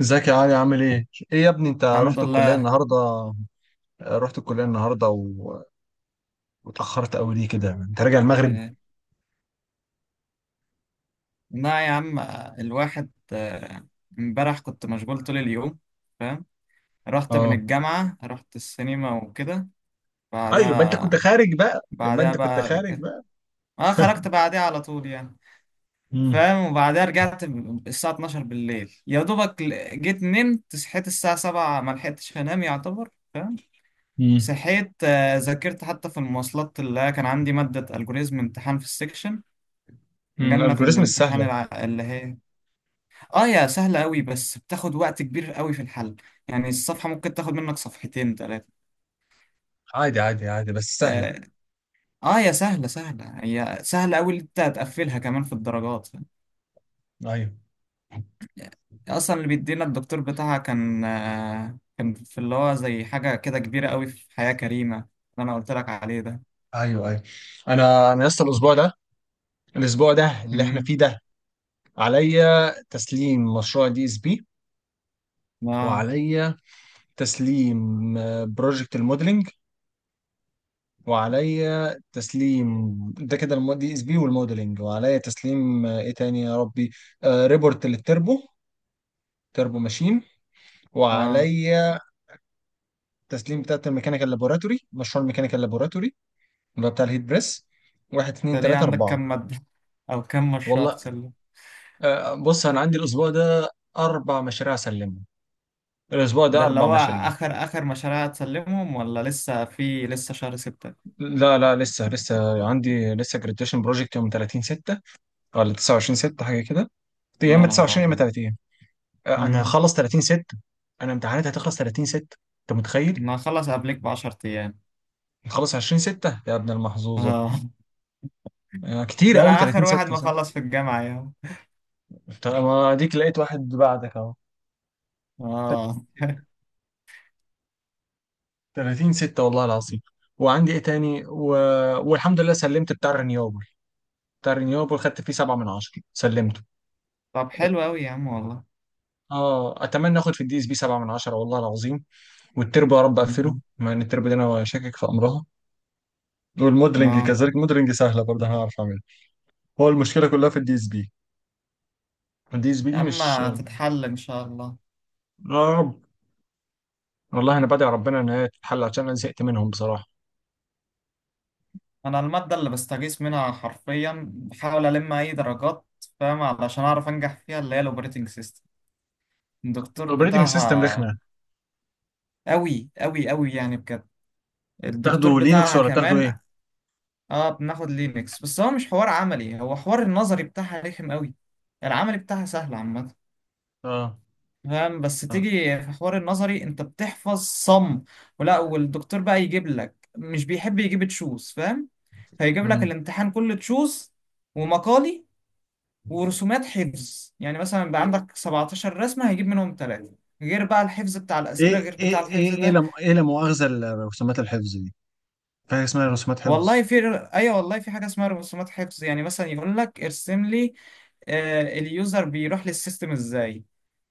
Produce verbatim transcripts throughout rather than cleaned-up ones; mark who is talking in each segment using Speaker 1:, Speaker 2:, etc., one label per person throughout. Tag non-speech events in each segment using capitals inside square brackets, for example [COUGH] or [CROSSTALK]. Speaker 1: ازيك يا علي عامل ايه؟ ايه يا ابني انت
Speaker 2: الحمد
Speaker 1: رحت الكلية
Speaker 2: لله.
Speaker 1: النهاردة؟ رحت الكلية النهاردة و... واتأخرت قوي ليه كده؟ انت راجع المغرب؟
Speaker 2: آه، لا يا عم، آه، الواحد آه، امبارح كنت مشغول طول اليوم. فاهم. رحت من
Speaker 1: اه.
Speaker 2: الجامعة، رحت السينما وكده.
Speaker 1: ايوه، يبقى انت كنت
Speaker 2: بعدها
Speaker 1: خارج بقى يبقى
Speaker 2: بعدها
Speaker 1: انت كنت
Speaker 2: بقى
Speaker 1: خارج
Speaker 2: رجعت.
Speaker 1: بقى.
Speaker 2: اه، خرجت بعدها على طول يعني.
Speaker 1: امم.
Speaker 2: فاهم. وبعدها رجعت ب- الساعة الثانية عشرة بالليل يا دوبك، ل- جيت نمت، صحيت الساعة سبعة ما لحقتش انام يعتبر. فاهم.
Speaker 1: امم.
Speaker 2: صحيت، آه، ذاكرت حتى في المواصلات، اللي كان عندي مادة الجوريزم امتحان في السكشن.
Speaker 1: امم
Speaker 2: جالنا في
Speaker 1: الالجوريزم
Speaker 2: الامتحان
Speaker 1: السهلة.
Speaker 2: الع- اللي هي، اه يا سهلة قوي بس بتاخد وقت كبير قوي في الحل. يعني الصفحة ممكن تاخد منك صفحتين ثلاثة.
Speaker 1: عادي عادي عادي، بس سهلة.
Speaker 2: آه, اه يا سهلة، سهلة هي سهلة قوي، اللي انت هتقفلها كمان في الدرجات.
Speaker 1: ايوه
Speaker 2: اصلا اللي بيدينا الدكتور بتاعها كان آه كان في اللي هو زي حاجة كده كبيرة قوي في حياة كريمة، اللي انا قلت لك عليه ده.
Speaker 1: ايوه ايوه. انا انا لسه الاسبوع ده الاسبوع ده اللي احنا
Speaker 2: امم
Speaker 1: فيه ده. عليا تسليم مشروع دي اس بي،
Speaker 2: اه،
Speaker 1: وعليا تسليم بروجكت الموديلنج، وعليا تسليم ده كده المو... دي اس بي والموديلنج، وعليا تسليم آه، ايه تاني يا ربي. آه ريبورت للتربو، تربو ماشين.
Speaker 2: اه،
Speaker 1: وعليا تسليم بتاعت الميكانيكال لابوراتوري مشروع الميكانيكال لابوراتوري اللي هو بتاع الهيت بريس. واحد، اتنين،
Speaker 2: ده ليه
Speaker 1: تلاتة،
Speaker 2: عندك
Speaker 1: أربعة.
Speaker 2: كام مادة [LAUGHS] او كام مشروع
Speaker 1: والله
Speaker 2: تسلم؟
Speaker 1: آه بص، أنا عندي الأسبوع ده أربع مشاريع أسلمهم، الأسبوع ده
Speaker 2: ده اللي
Speaker 1: أربع
Speaker 2: هو
Speaker 1: مشاريع.
Speaker 2: اخر اخر مشاريع هتسلمهم، ولا لسه في لسه شهر ستة؟
Speaker 1: لا لا، لسه لسه عندي لسه جراديشن بروجكت يوم ثلاثين ستة، ولا تسعة وعشرين ستة، حاجة كده. يا
Speaker 2: يا
Speaker 1: إما
Speaker 2: نهار
Speaker 1: تسعة وعشرين يا إما ثلاثين. انا
Speaker 2: ابيض.
Speaker 1: هخلص ثلاثين ستة. انا امتحاناتي هتخلص ثلاثين ستة، انت متخيل؟
Speaker 2: ما اخلص قبلك ب عشرة ايام.
Speaker 1: هتخلص عشرين ستة يا ابن المحظوظه.
Speaker 2: اه [LAUGHS]
Speaker 1: آه، كتير
Speaker 2: ده انا
Speaker 1: قوي، ثلاثين
Speaker 2: اخر واحد
Speaker 1: ستة صح.
Speaker 2: مخلص في الجامعة يا عم.
Speaker 1: طب ما اديك لقيت واحد بعدك اهو.
Speaker 2: اه [LAUGHS]
Speaker 1: ثلاثين ستة والله العظيم. وعندي ايه تاني و... والحمد لله سلمت بتاع الرينيوبل بتاع الرينيوبل، خدت فيه سبعة من عشرة، سلمته.
Speaker 2: طب حلو قوي يا عم والله.
Speaker 1: اه، اتمنى اخد في الدي اس بي سبعة من عشرة والله العظيم. والتربو يا رب
Speaker 2: [LAUGHS]
Speaker 1: اقفله،
Speaker 2: مم.
Speaker 1: مع ان التربو دي انا شاكك في امرها. والموديلنج
Speaker 2: اه
Speaker 1: كذلك، الموديلنج سهله برضه، هنعرف اعملها. هو المشكله كلها في الدي اس بي دي،
Speaker 2: يا
Speaker 1: زميلي
Speaker 2: عم
Speaker 1: مش.
Speaker 2: هتتحل ان شاء الله.
Speaker 1: يا رب. والله انا بدعي ربنا ان هي تتحل، عشان انا زهقت منهم بصراحه.
Speaker 2: انا المادة اللي بستغيث منها حرفيا، بحاول الم اي درجات. فاهم. علشان اعرف انجح فيها، اللي هي الاوبريتنج سيستم. الدكتور
Speaker 1: الاوبريتنج سيستم
Speaker 2: بتاعها
Speaker 1: رخمه.
Speaker 2: قوي قوي قوي، يعني بجد. الدكتور
Speaker 1: تاخدوا لينكس
Speaker 2: بتاعها
Speaker 1: ولا تاخدوا ايه؟
Speaker 2: كمان. اه بناخد لينكس بس هو مش حوار عملي، هو حوار النظري بتاعها رخم قوي. العملي بتاعها سهل عامة.
Speaker 1: اه.
Speaker 2: فاهم. بس تيجي في حوار النظري انت بتحفظ صم، ولا والدكتور بقى يجيب لك، مش بيحب يجيب تشوز. فاهم. فيجيب لك
Speaker 1: مم.
Speaker 2: الامتحان كله تشوز، ومقالي، ورسومات حفظ. يعني مثلا بقى، مم. عندك سبعتاشر رسمة هيجيب منهم ثلاثة، غير بقى الحفظ بتاع الأسئلة،
Speaker 1: ايه
Speaker 2: غير بتاع
Speaker 1: ايه ايه
Speaker 2: الحفظ
Speaker 1: ايه
Speaker 2: ده.
Speaker 1: لا، ايه لا مؤاخذه، الرسومات الحفظ دي، في حاجه اسمها رسومات حفظ؟
Speaker 2: والله في. أيوة، والله في حاجة اسمها رسومات حفظ. يعني مثلا يقول لك ارسم لي، آه، اليوزر بيروح للسيستم ازاي.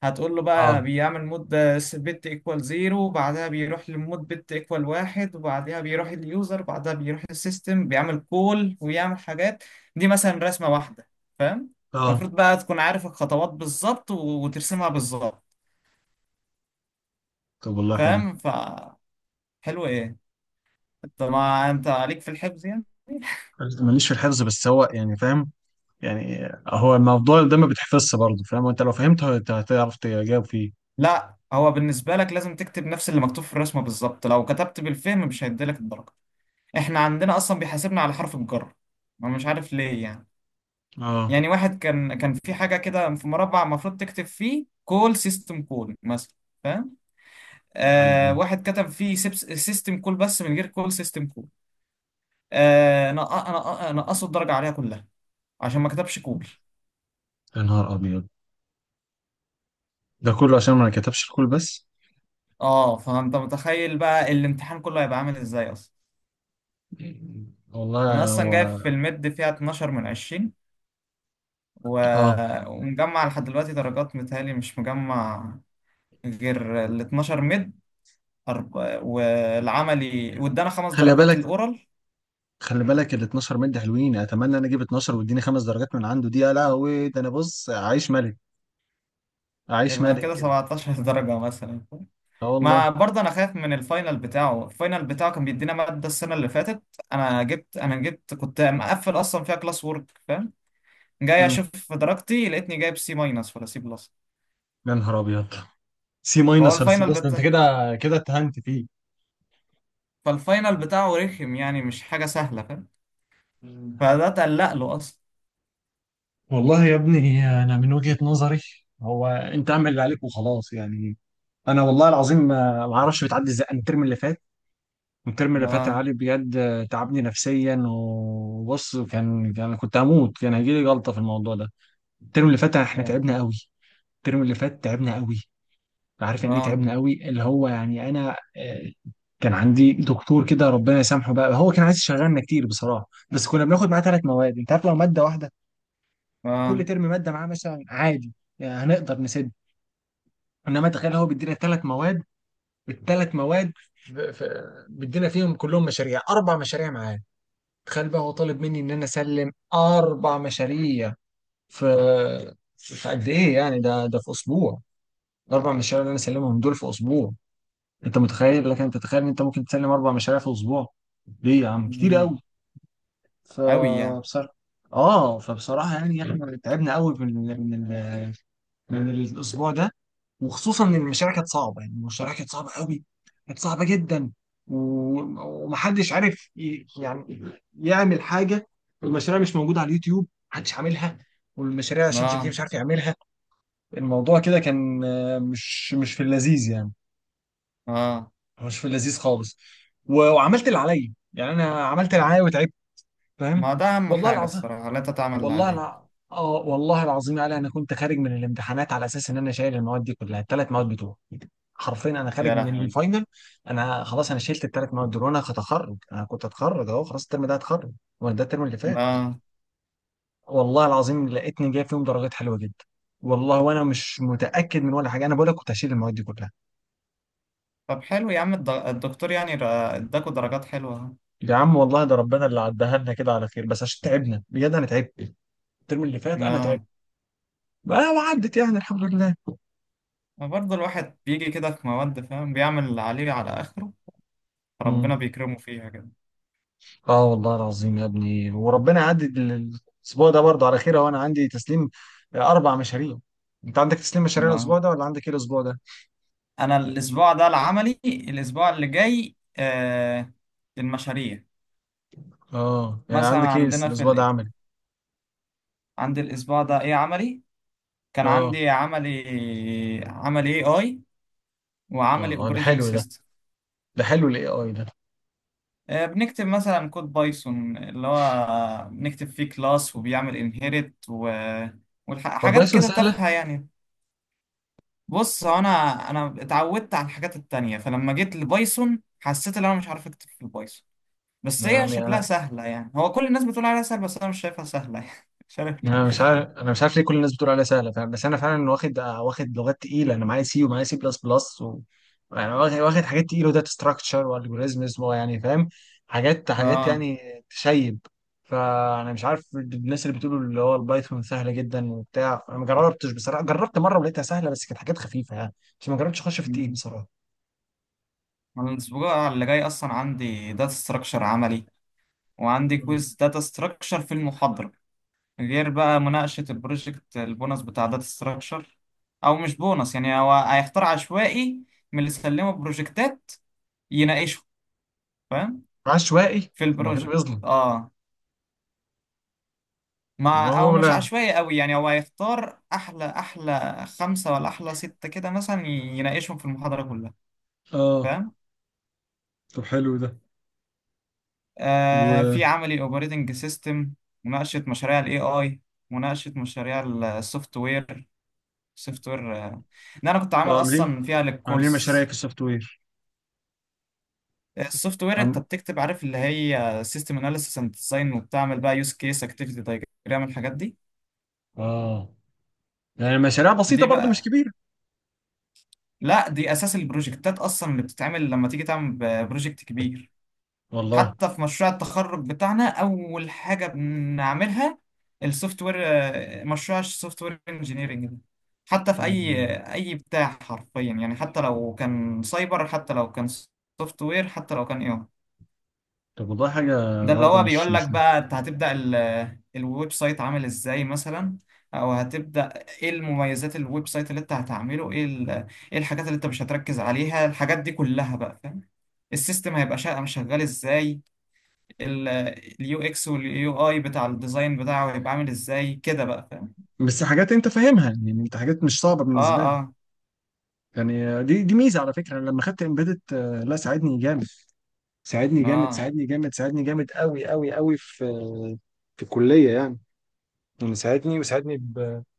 Speaker 2: هتقول له بقى
Speaker 1: اه
Speaker 2: بيعمل مود بت ايكوال زيرو، بعدها بيروح لمود بت ايكوال واحد، وبعدها بيروح اليوزر، بعدها بيروح للسيستم بيعمل كول ويعمل حاجات. دي مثلا رسمة واحدة. فاهم.
Speaker 1: اه.
Speaker 2: المفروض بقى تكون عارف الخطوات بالظبط و- وترسمها بالظبط.
Speaker 1: طب والله حلو.
Speaker 2: فاهم. ف حلو ايه. انت ما انت عليك في الحفظ يعني.
Speaker 1: ماليش في الحفظ، بس هو يعني فاهم، يعني هو الموضوع ده ما بيتحفظش برضه فاهم، وانت لو فهمته هت- هتعرف تجاوب فيه.
Speaker 2: لا، هو بالنسبة لك لازم تكتب نفس اللي مكتوب في الرسمة بالظبط، لو كتبت بالفهم مش هيديلك الدرجة. احنا عندنا اصلا بيحاسبنا على حرف الجر. ما مش عارف ليه يعني.
Speaker 1: اه.
Speaker 2: يعني واحد كان كان في حاجه كده في مربع المفروض تكتب فيه كول سيستم كول مثلا. فاهم.
Speaker 1: ايوه.
Speaker 2: آه واحد كتب فيه سيستم كول بس من غير كول سيستم كول. آه نق- نق- نقصوا الدرجه عليها كلها عشان ما كتبش كول.
Speaker 1: يا نهار ابيض، ده كله عشان ما كتبش الكل بس؟
Speaker 2: اه فانت متخيل بقى الامتحان كله هيبقى عامل ازاي اصلا. انا
Speaker 1: والله
Speaker 2: اصلا جايب
Speaker 1: هو.
Speaker 2: في المد فيها اثنا عشر من عشرين، و...
Speaker 1: اه،
Speaker 2: ومجمع لحد دلوقتي درجات متهيألي مش مجمع، غير ال اتناشر مد. أرب... والعملي وادانا خمس
Speaker 1: خلي
Speaker 2: درجات
Speaker 1: بالك
Speaker 2: الاورال.
Speaker 1: خلي بالك، ال اتناشر مد حلوين، اتمنى انا اجيب اتناشر واديني خمس درجات من عنده، دي يا لهوي، ده انا بص عايش ملك، عايش
Speaker 2: يبقى
Speaker 1: ملك
Speaker 2: كده
Speaker 1: كده.
Speaker 2: سبعتاشر [LAUGHS] درجة مثلا.
Speaker 1: اه
Speaker 2: ما
Speaker 1: والله.
Speaker 2: برضه انا خايف من الفاينل بتاعه، الفاينل بتاعه كان بيدينا مادة السنة اللي فاتت. انا جبت انا جبت كنت مقفل اصلا فيها كلاس وورك. فاهم. جاي
Speaker 1: امم.
Speaker 2: اشوف درجتي لقيتني جايب سي ماينس ولا سي بلس.
Speaker 1: يا نهار ابيض، سي
Speaker 2: فهو
Speaker 1: ماينس ولا سي
Speaker 2: الفاينل
Speaker 1: بلس ده انت
Speaker 2: بتاع
Speaker 1: كده، كده اتهنت فيه.
Speaker 2: فالفاينل بتاعه رخم، يعني مش حاجة سهلة. فاهم.
Speaker 1: مم.
Speaker 2: فده تقلق له اصلا.
Speaker 1: والله يا ابني انا من وجهة نظري، هو انت اعمل اللي عليك وخلاص يعني. انا والله العظيم ما ما اعرفش بتعدي ازاي. أنا الترم اللي فات، الترم اللي فات يا
Speaker 2: اه،
Speaker 1: علي بجد تعبني نفسيا، وبص كان كان كنت هموت، كان هيجي لي جلطة في الموضوع ده. الترم اللي فات احنا
Speaker 2: اه،
Speaker 1: تعبنا قوي، الترم اللي فات تعبنا قوي. عارف يعني ايه
Speaker 2: اه،
Speaker 1: تعبنا قوي؟ اللي هو يعني انا، آه، كان عندي دكتور كده ربنا يسامحه بقى، هو كان عايز يشغلنا كتير بصراحه، بس كنا بناخد معاه ثلاث مواد. انت عارف لو ماده واحده كل
Speaker 2: آه.
Speaker 1: ترم، ماده معاه مثلا، عادي، يعني هنقدر نسد. انما تخيل هو بيدينا ثلاث مواد، الثلاث مواد ف- ف- بيدينا فيهم كلهم مشاريع، اربع مشاريع معاه. تخيل بقى، هو طالب مني ان انا اسلم اربع مشاريع في، في قد ايه يعني، ده ده في اسبوع؟ الاربع مشاريع اللي انا سلمهم دول في اسبوع. انت متخيل؟ لكن انت تتخيل ان انت ممكن تسلم اربع مشاريع في اسبوع؟ ليه يا عم، كتير قوي.
Speaker 2: قوي يعني.
Speaker 1: فبصراحه، اه، فبصراحه يعني احنا تعبنا قوي من من ال- من الاسبوع ده، وخصوصا ان المشاريع كانت صعبه، يعني المشاريع كانت صعبه قوي، كانت صعبه جدا، و- ومحدش عارف ي- يعني يعمل حاجه. والمشاريع مش موجوده على اليوتيوب، محدش عاملها، والمشاريع شات جي بي تي مش
Speaker 2: اه،
Speaker 1: عارف يعملها. الموضوع كده كان آه، مش مش في اللذيذ يعني،
Speaker 2: اه.
Speaker 1: مش في اللذيذ خالص. و- وعملت اللي عليا يعني، انا عملت اللي عليا وتعبت، فاهم.
Speaker 2: ما ده أهم
Speaker 1: والله
Speaker 2: حاجة
Speaker 1: العظيم.
Speaker 2: الصراحة، لا تتعمل اللي
Speaker 1: والله
Speaker 2: عليك.
Speaker 1: الع... اه والله العظيم يا علي، انا كنت خارج من الامتحانات على اساس ان انا شايل المواد دي كلها، الثلاث مواد بتوعي، حرفيا. انا خارج
Speaker 2: يا
Speaker 1: من
Speaker 2: لهوي.
Speaker 1: الفاينل، انا خلاص، انا شلت الثلاث مواد دول، وانا هتخرج، انا كنت هتخرج اهو خلاص، الترم ده هتخرج. وانا ده الترم اللي فات،
Speaker 2: لا،
Speaker 1: والله العظيم لقيتني جايب فيهم درجات حلوه جدا. والله، وانا مش متاكد من ولا حاجه، انا بقول لك كنت هشيل المواد دي كلها.
Speaker 2: طب حلو يا عم. الد- الدكتور يعني را- اداكوا درجات حلوة أهو.
Speaker 1: يا عم والله، ده ربنا اللي عدها لنا كده على خير، بس عشان تعبنا بجد، انا تعبت الترم اللي فات، انا
Speaker 2: لا،
Speaker 1: تعبت بقى وعدت يعني، الحمد لله.
Speaker 2: برضه الواحد بيجي كده في مواد، فاهم، بيعمل اللي عليه على آخره، ربنا
Speaker 1: مم.
Speaker 2: بيكرمه فيها كده.
Speaker 1: اه والله العظيم يا ابني، وربنا يعدي ال- الاسبوع ده برضه على خير اهو، انا عندي تسليم اربع مشاريع. انت عندك تسليم مشاريع
Speaker 2: لا،
Speaker 1: الاسبوع ده، ولا عندك ايه الاسبوع ده؟
Speaker 2: أنا الأسبوع ده العملي، الأسبوع اللي جاي آه المشاريع.
Speaker 1: اه، يعني
Speaker 2: مثلا
Speaker 1: عندك ايه
Speaker 2: عندنا في
Speaker 1: الاسبوع ده،
Speaker 2: ال...
Speaker 1: عملي؟
Speaker 2: عندي الأسبوع ده إيه عملي. كان
Speaker 1: اه
Speaker 2: عندي عملي عملي A I
Speaker 1: اه.
Speaker 2: وعملي
Speaker 1: آه، ده
Speaker 2: Operating
Speaker 1: حلو ده،
Speaker 2: System.
Speaker 1: ده حلو الاي اي ده.
Speaker 2: آه، بنكتب مثلا كود بايثون، اللي هو بنكتب فيه كلاس وبيعمل انهيرت و... وحاجات
Speaker 1: والبايثون
Speaker 2: كده
Speaker 1: سهله؟
Speaker 2: تافهة يعني. بص هو انا انا اتعودت على الحاجات التانية، فلما جيت لبايثون حسيت ان انا مش عارف اكتب في البايثون. بس هي
Speaker 1: يعني
Speaker 2: شكلها
Speaker 1: انا،
Speaker 2: سهلة يعني، هو كل الناس بتقول عليها سهلة بس انا مش شايفها سهلة [LAUGHS] يعني مش عارف
Speaker 1: يعني
Speaker 2: ليه.
Speaker 1: انا مش عارف انا مش عارف ليه كل الناس بتقول عليها سهله، فاهم؟ بس انا فعلا واخد آه، واخد لغات تقيله، انا معايا سي ومعايا سي بلس بلس و... يعني واخد واخد حاجات تقيله، وداتا ستراكشر والجوريزمز يعني فاهم، حاجات حاجات
Speaker 2: اه.
Speaker 1: يعني تشيب. فانا مش عارف، الناس اللي بتقولوا اللي هو البايثون سهله جدا وبتاع، انا ما جربتش بصراحه، جربت مره ولقيتها سهله بس كانت حاجات خفيفه يعني، بس ما جربتش اخش في التقيل
Speaker 2: مم.
Speaker 1: بصراحه.
Speaker 2: أنا الاسبوع اللي جاي اصلا عندي داتا ستراكشر عملي، وعندي
Speaker 1: مم.
Speaker 2: كويز داتا ستراكشر في المحاضرة. غير بقى مناقشة البروجكت البونص بتاع داتا ستراكشر، أو مش بونص يعني، هو هيختار عشوائي من اللي سلموا بروجكتات يناقشه. فاهم.
Speaker 1: عشوائي؟
Speaker 2: في
Speaker 1: طب ما كده
Speaker 2: البروجكت.
Speaker 1: بيظلم.
Speaker 2: اه.
Speaker 1: ما
Speaker 2: مع أو
Speaker 1: هو
Speaker 2: مش
Speaker 1: لا.
Speaker 2: عشوائي قوي يعني، هو هيختار أحلى أحلى خمسة ولا أحلى ستة كده مثلا، يناقشهم في المحاضرة كلها.
Speaker 1: اه.
Speaker 2: فاهم.
Speaker 1: طب حلو ده. و
Speaker 2: آه في عملي أوبريتنج سيستم، مناقشة مشاريع ال ايه آي، مناقشة مشاريع السوفت وير. سوفت وير ان انا كنت عامل
Speaker 1: عاملين
Speaker 2: اصلا فيها
Speaker 1: عاملين
Speaker 2: للكورس.
Speaker 1: مشاريع في السوفت وير.
Speaker 2: السوفت وير انت بتكتب، عارف اللي هي سيستم اناليسيس اند ديزاين، وبتعمل بقى يوز كيس اكتيفيتي دايجرام الحاجات دي.
Speaker 1: اه، يعني مشاريع بسيطة
Speaker 2: دي
Speaker 1: برضو، مش
Speaker 2: بقى
Speaker 1: كبيرة.
Speaker 2: لا، دي اساس البروجكتات اصلا اللي بتتعمل لما تيجي تعمل ب- بروجكت كبير.
Speaker 1: والله.
Speaker 2: حتى في مشروع التخرج بتاعنا اول حاجه بنعملها السوفت وير، آه، مشروع السوفت وير انجينيرنج ده. حتى في اي
Speaker 1: مم.
Speaker 2: اي بتاع حرفيا يعني، حتى لو كان سايبر حتى لو كان سوفت وير حتى لو كان اي.
Speaker 1: طب والله حاجة،
Speaker 2: ده اللي
Speaker 1: برضو
Speaker 2: هو
Speaker 1: مش
Speaker 2: بيقول لك
Speaker 1: مش
Speaker 2: بقى انت هتبدأ ال- الويب سايت عامل ازاي مثلا، او هتبدأ ايه المميزات الويب سايت اللي انت هتعمله، ايه ال- ايه الحاجات اللي انت مش هتركز عليها، الحاجات دي كلها بقى. فاهم. السيستم هيبقى شا- شغال ازاي، اليو اكس واليو اي بتاع الديزاين بتاعه هيبقى عامل ازاي كده بقى. فاهم.
Speaker 1: بس حاجات انت فاهمها يعني، انت حاجات مش صعبة
Speaker 2: اه،
Speaker 1: بالنسبة لك.
Speaker 2: اه،
Speaker 1: يعني دي دي ميزة، على فكرة انا لما خدت امبيدت، لا، ساعدني جامد، ساعدني جامد
Speaker 2: اه،
Speaker 1: ساعدني جامد ساعدني جامد قوي قوي قوي في في الكلية يعني، يعني ساعدني وساعدني بكلها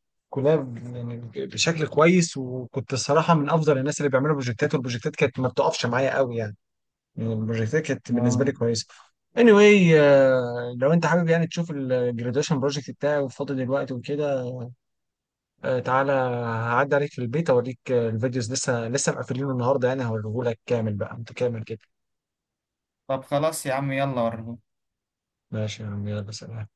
Speaker 1: ب- يعني بشكل كويس، وكنت الصراحة من افضل الناس اللي بيعملوا بروجكتات، والبروجكتات كانت ما بتقفش معايا قوي يعني، البروجكتات كانت بالنسبه لي
Speaker 2: اه.
Speaker 1: كويسه. anyway، آه، لو انت حابب يعني تشوف الجراديويشن بروجكت بتاعي، فاضي دلوقتي وكده. آه، تعالى هعدي عليك في البيت اوريك، آه، الفيديوز لسه لسه مقفلينه النهارده يعني، هوريهولك كامل بقى متكامل كده.
Speaker 2: طب خلاص يا عم، يلا وريهولي.
Speaker 1: ماشي يا عم، يلا سلام.